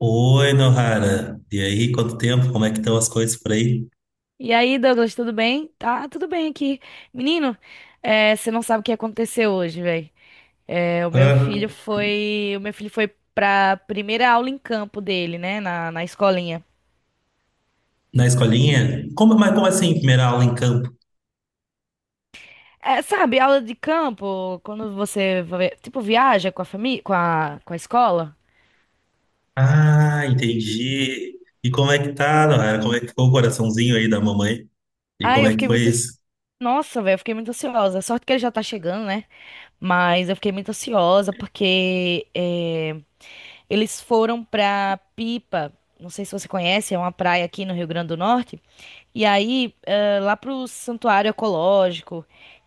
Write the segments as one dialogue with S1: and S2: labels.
S1: Oi, Nohara. E aí, quanto tempo? Como é que estão as coisas por aí?
S2: E aí, Douglas, tudo bem? Tá, tudo bem aqui. Menino, você não sabe o que aconteceu hoje, velho. o meu filho
S1: Hã?
S2: foi, o meu filho foi pra primeira aula em campo dele, né, na escolinha.
S1: Na escolinha? Mas como assim, primeira aula em campo?
S2: É, sabe, aula de campo, quando você, viaja com a família, com a escola.
S1: Ah, entendi. E como é que tá, Nohara? Como é que ficou o coraçãozinho aí da mamãe? E como
S2: Ai,
S1: é que foi isso?
S2: eu fiquei muito ansiosa. Sorte que ele já tá chegando, né? Mas eu fiquei muito ansiosa porque, eles foram pra Pipa, não sei se você conhece, é uma praia aqui no Rio Grande do Norte. E aí, lá pro santuário ecológico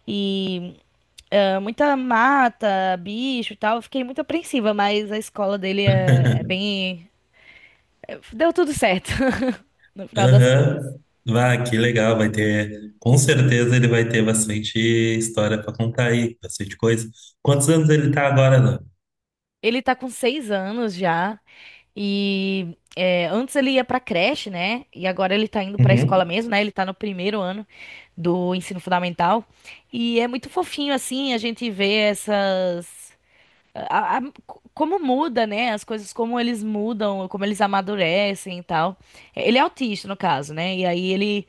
S2: e muita mata, bicho e tal. Eu fiquei muito apreensiva, mas a escola é bem. Deu tudo certo, no final das contas.
S1: Aham. Vá, que legal. Com certeza ele vai ter bastante história para contar aí, bastante coisa. Quantos anos ele tá agora, Nohara?
S2: Ele tá com 6 anos já. E é, antes ele ia pra creche, né? E agora ele tá indo pra escola
S1: Uhum.
S2: mesmo, né? Ele tá no 1º ano do ensino fundamental. E é muito fofinho, assim, a gente vê a- a- como muda, né? As coisas, como eles mudam, como eles amadurecem e tal. É, ele é autista, no caso, né? E aí ele,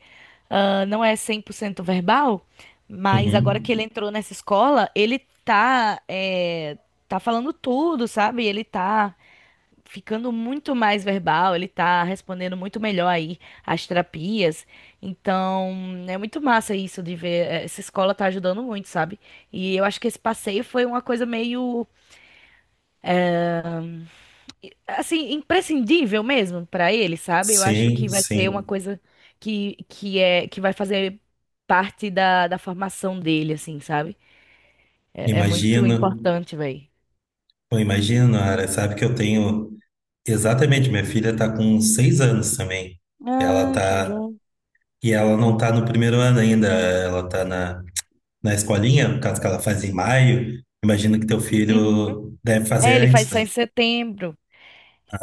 S2: não é 100% verbal, mas agora que
S1: Uhum.
S2: ele entrou nessa escola, ele tá, é, tá falando tudo, sabe? Ele tá ficando muito mais verbal, ele tá respondendo muito melhor aí às terapias. Então, é muito massa isso de ver. Essa escola tá ajudando muito, sabe? E eu acho que esse passeio foi uma coisa meio assim, imprescindível mesmo para ele, sabe? Eu acho
S1: Sim,
S2: que vai ser uma
S1: sim.
S2: coisa que vai fazer parte da formação dele, assim, sabe? É, é muito
S1: Imagino.
S2: importante, velho.
S1: Eu imagino, Ara, sabe que eu tenho. Exatamente, minha filha está com 6 anos também. Ela
S2: Ah, que
S1: tá.
S2: bom.
S1: E ela não está no primeiro ano ainda, ela está na escolinha, no caso que ela faz em maio. Imagino que teu
S2: Uhum.
S1: filho deve
S2: É,
S1: fazer
S2: ele
S1: antes,
S2: faz só em
S1: né?
S2: setembro.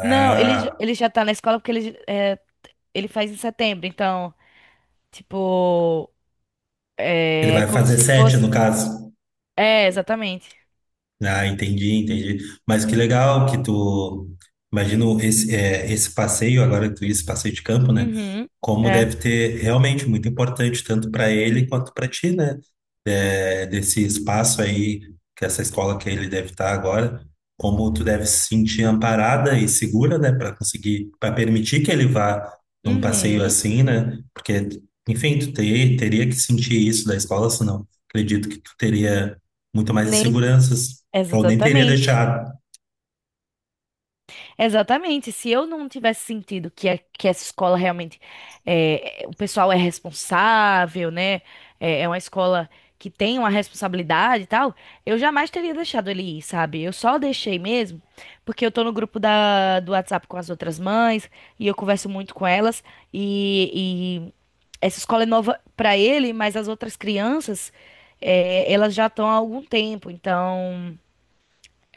S2: Não, ele já tá na escola porque ele faz em setembro, então, tipo,
S1: ele
S2: é
S1: vai
S2: como
S1: fazer
S2: se
S1: sete,
S2: fosse.
S1: no caso.
S2: É, exatamente.
S1: Ah, entendi, entendi. Mas que legal que tu. Imagino esse, esse passeio, agora que tu disse passeio de campo, né?
S2: Uhum.
S1: Como
S2: É.
S1: deve ter realmente muito importante, tanto para ele quanto para ti, né? É, desse espaço aí, que essa escola que ele deve estar agora, como tu deve se sentir amparada e segura, né? Para conseguir, para permitir que ele vá num passeio
S2: Uhum.
S1: assim, né? Porque, enfim, tu ter, teria que sentir isso da escola, senão acredito que tu teria muito mais
S2: Nem.
S1: inseguranças eu nem teria
S2: Exatamente.
S1: deixado.
S2: Exatamente. Se eu não tivesse sentido que essa escola realmente o pessoal é responsável, né? É uma escola que tem uma responsabilidade e tal, eu jamais teria deixado ele ir, sabe? Eu só deixei mesmo porque eu tô no grupo do WhatsApp com as outras mães e eu converso muito com elas e essa escola é nova pra ele, mas as outras crianças, elas já estão há algum tempo, então,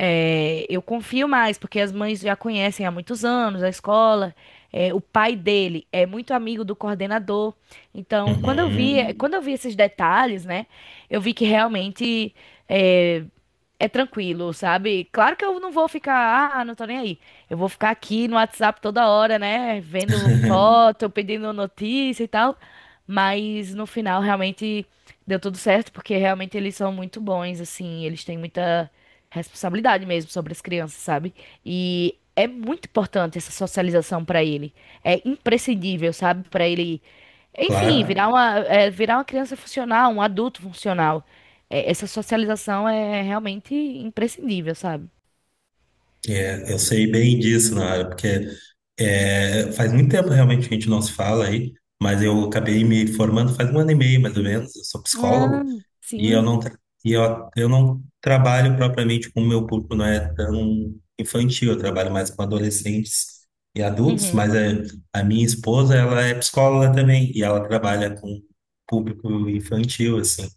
S2: eu confio mais, porque as mães já conhecem há muitos anos a escola. O pai dele é muito amigo do coordenador. Então,
S1: Uhum.
S2: quando eu vi esses detalhes, né, eu vi que realmente é, é tranquilo, sabe? Claro que eu não vou ficar, ah, não tô nem aí. Eu vou ficar aqui no WhatsApp toda hora, né? Vendo foto, pedindo notícia e tal. Mas no final realmente deu tudo certo, porque realmente eles são muito bons, assim, eles têm muita responsabilidade mesmo sobre as crianças, sabe? E é muito importante essa socialização pra ele. É imprescindível, sabe? Pra ele, enfim,
S1: Claro,
S2: virar virar uma criança funcional, um adulto funcional. É, essa socialização é realmente imprescindível, sabe?
S1: eu sei bem disso, Nara, porque faz muito tempo realmente que a gente não se fala aí, mas eu acabei me formando faz 1 ano e meio, mais ou menos. Eu sou psicólogo.
S2: Ah,
S1: E eu
S2: sim.
S1: não, tra- e eu não trabalho propriamente com o meu público, não é tão infantil, eu trabalho mais com adolescentes e adultos,
S2: Uhum,
S1: mas é, a minha esposa, ela é psicóloga também, e ela trabalha com público infantil, assim.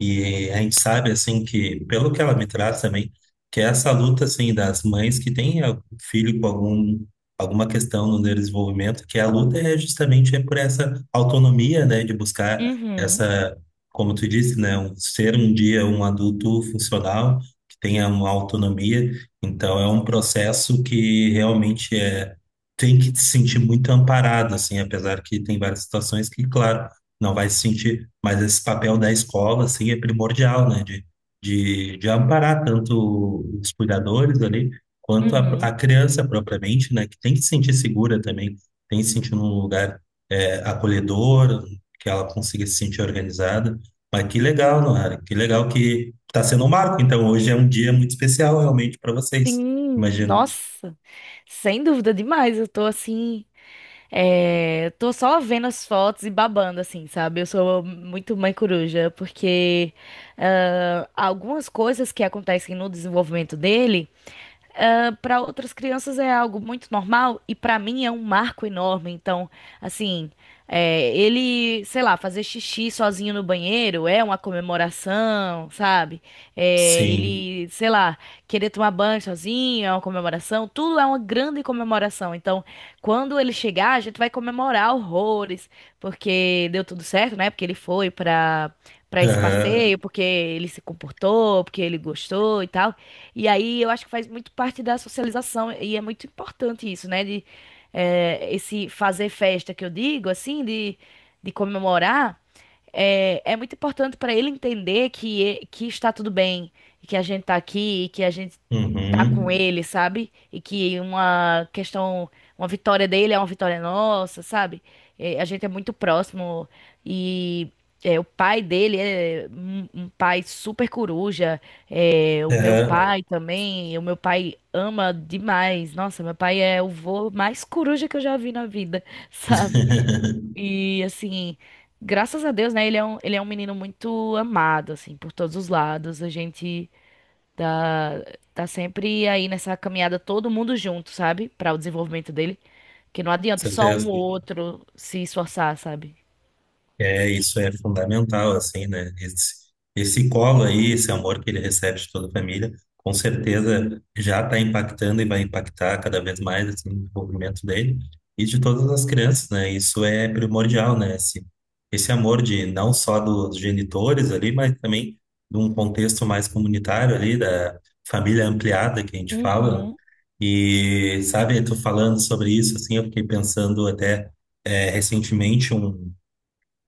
S1: E a gente sabe, assim, que, pelo que ela me traz também, que essa luta, assim, das mães que têm algum filho com algum, alguma questão no desenvolvimento, que a luta é justamente por essa autonomia, né, de buscar
S2: uhum,
S1: essa como tu disse, né, ser um dia um adulto funcional, que tenha uma autonomia. Então, é um processo que realmente é, tem que se sentir muito amparado, assim, apesar que tem várias situações que, claro, não vai se sentir, mas esse papel da escola, assim, é primordial, né, de amparar tanto os cuidadores ali, quanto a
S2: uhum.
S1: criança propriamente, né, que tem que se sentir segura também, tem que se sentir num lugar, acolhedor, que ela consiga se sentir organizada. Mas que legal, Noara. Que legal que está sendo um marco. Então, hoje é um dia muito especial realmente para vocês.
S2: Sim,
S1: Imagino.
S2: nossa, sem dúvida demais. Eu tô assim, é, tô só vendo as fotos e babando, assim, sabe? Eu sou muito mãe coruja, porque algumas coisas que acontecem no desenvolvimento dele para outras crianças é algo muito normal e para mim é um marco enorme. Então, assim, ele, sei lá, fazer xixi sozinho no banheiro é uma comemoração, sabe? É,
S1: Sim.
S2: ele, sei lá, querer tomar banho sozinho é uma comemoração. Tudo é uma grande comemoração. Então, quando ele chegar, a gente vai comemorar horrores, porque deu tudo certo, né? Porque ele foi para esse
S1: Aham.
S2: passeio, porque ele se comportou, porque ele gostou e tal. E aí eu acho que faz muito parte da socialização e é muito importante isso, né? De esse fazer festa que eu digo, assim, de comemorar, muito importante para ele entender que está tudo bem, e que a gente está aqui, e que a gente tá com
S1: Uhum.
S2: ele, sabe? E que uma vitória dele é uma vitória nossa, sabe? É, a gente é muito próximo e o pai dele é um pai super coruja, o meu
S1: Aham.
S2: pai também, o meu pai ama demais. Nossa, meu pai é o vô mais coruja que eu já vi na vida, sabe? E assim, graças a Deus, né? Ele é ele é um menino muito amado, assim, por todos os lados. A gente tá, tá sempre aí nessa caminhada todo mundo junto, sabe? Para o desenvolvimento dele. Que não adianta só um
S1: Certeza.
S2: ou outro se esforçar, sabe?
S1: É, isso é fundamental, assim, né? Esse colo aí, esse amor que ele recebe de toda a família, com certeza já está impactando e vai impactar cada vez mais, assim, no desenvolvimento dele e de todas as crianças, né? Isso é primordial, né? Esse amor de não só dos genitores ali, mas também de um contexto mais comunitário ali, da família ampliada que a gente fala.
S2: Uhum,
S1: E, sabe, tu falando sobre isso, assim, eu fiquei pensando até recentemente um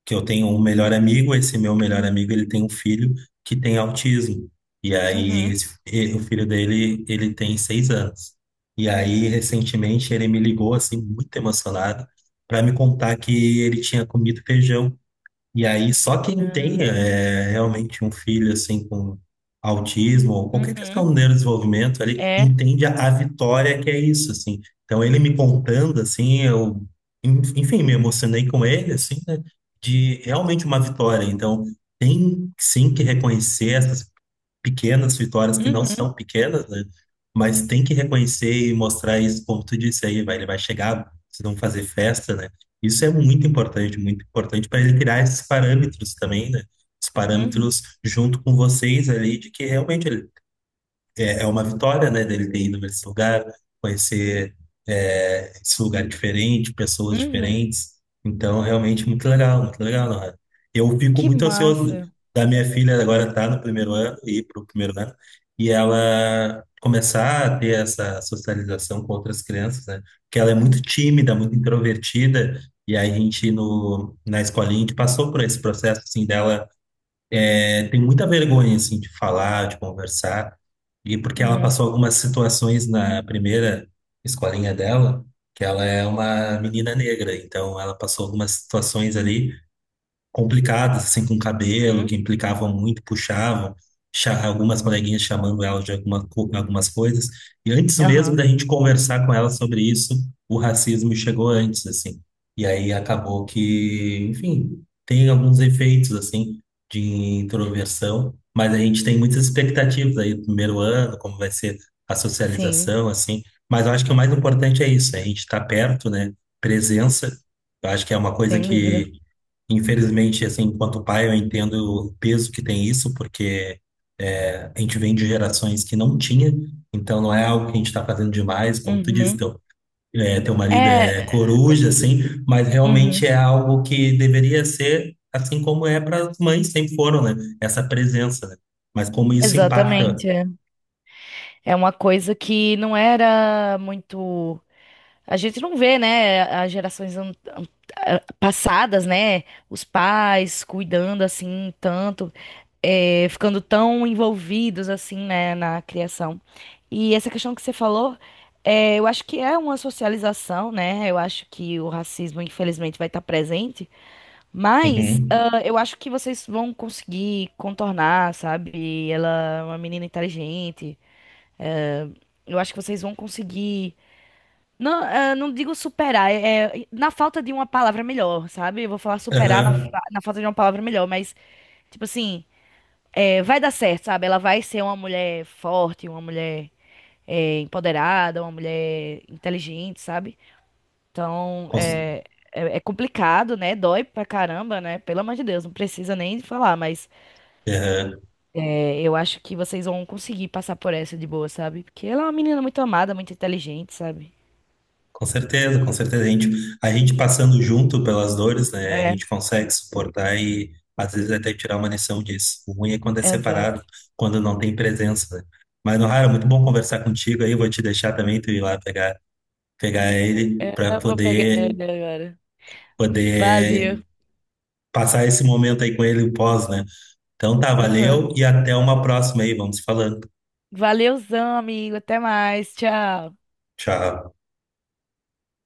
S1: que eu tenho um melhor amigo, esse meu melhor amigo, ele tem um filho que tem autismo. E aí,
S2: uhum,
S1: o filho dele, ele tem 6 anos. E aí, recentemente, ele me ligou, assim, muito emocionado, para me contar que ele tinha comido feijão e aí, só quem tem
S2: ah,
S1: realmente um filho assim com autismo ou qualquer
S2: uhum,
S1: questão de neurodesenvolvimento, ele
S2: é,
S1: entende a vitória que é isso, assim. Então, ele me contando, assim, eu, enfim, me emocionei com ele, assim, né, de realmente uma vitória. Então, tem sim que reconhecer essas pequenas vitórias que não
S2: uhum,
S1: são pequenas, né? Mas tem que reconhecer e mostrar isso, como tu disse aí, vai, ele vai chegar, se não fazer festa, né? Isso é muito importante para ele criar esses parâmetros também, né? Os
S2: uhum,
S1: parâmetros junto com vocês ali de que realmente ele é uma vitória, né, dele ter ido para esse lugar, conhecer esse lugar diferente, pessoas
S2: uhum.
S1: diferentes. Então, realmente, muito legal, Nohara. Eu fico
S2: Que
S1: muito ansioso
S2: massa.
S1: da minha filha agora estar no primeiro ano, ir para o primeiro ano, e ela começar a ter essa socialização com outras crianças, né? Porque ela é muito tímida, muito introvertida, e aí a gente, no, na escolinha, a gente passou por esse processo, assim, dela tem muita vergonha, assim, de falar, de conversar. E porque ela
S2: Uhum,
S1: passou algumas situações na primeira escolinha dela, que ela é uma menina negra, então ela passou algumas situações ali complicadas, assim, com cabelo,
S2: uhum,
S1: que implicavam muito, puxavam, algumas coleguinhas chamando ela de alguma, algumas coisas. E antes mesmo
S2: aham,
S1: da gente conversar com ela sobre isso, o racismo chegou antes, assim. E aí acabou que, enfim, tem alguns efeitos, assim, de introversão, mas a gente tem muitas expectativas aí do primeiro ano, como vai ser a
S2: sim,
S1: socialização, assim. Mas eu acho que o mais importante é isso, é a gente estar perto, né? Presença. Eu acho que é uma coisa
S2: sem dúvida.
S1: que infelizmente, assim, enquanto pai, eu entendo o peso que tem isso, porque a gente vem de gerações que não tinha, então não é algo que a gente está fazendo demais, como tu disse,
S2: Uhum,
S1: teu, teu marido
S2: é,
S1: é coruja, assim, mas realmente
S2: uhum,
S1: é algo que deveria ser, assim como é para as mães, sempre foram, né? Essa presença, né? Mas como isso impacta.
S2: exatamente. É, é uma coisa que não era muito. A gente não vê, né, as gerações passadas, né, os pais cuidando assim tanto, ficando tão envolvidos assim, né, na criação. E essa questão que você falou, eu acho que é uma socialização, né? Eu acho que o racismo, infelizmente, vai estar presente, mas
S1: Uhum.
S2: eu acho que vocês vão conseguir contornar, sabe? Ela é uma menina inteligente. Eu acho que vocês vão conseguir. Não, ah, não digo superar, é na falta de uma palavra melhor, sabe? Eu vou falar superar
S1: Aham.
S2: na falta de uma palavra melhor, mas, tipo assim, vai dar certo, sabe? Ela vai ser uma mulher forte, uma mulher, empoderada, uma mulher inteligente, sabe? Então,
S1: Cons-
S2: é complicado, né? Dói pra caramba, né? Pelo amor de Deus, não precisa nem falar, mas
S1: Aham.
S2: eu acho que vocês vão conseguir passar por essa de boa, sabe? Porque ela é uma menina muito amada, muito inteligente, sabe?
S1: Com certeza, com certeza. A gente passando junto pelas dores, né? A
S2: É,
S1: gente consegue suportar e às vezes até tirar uma lição disso. O ruim é quando é
S2: exato.
S1: separado, quando não tem presença, né? Mas, Nohara, muito bom conversar contigo aí. Vou te deixar também tu ir lá pegar, pegar ele
S2: É,
S1: para
S2: eu vou pegar
S1: poder,
S2: ele agora.
S1: poder
S2: Valeu.
S1: passar esse momento aí com ele o pós, né? Então tá,
S2: Aham.
S1: valeu e até uma próxima aí. Vamos falando.
S2: Valeuzão, amigo. Até mais. Tchau.
S1: Tchau.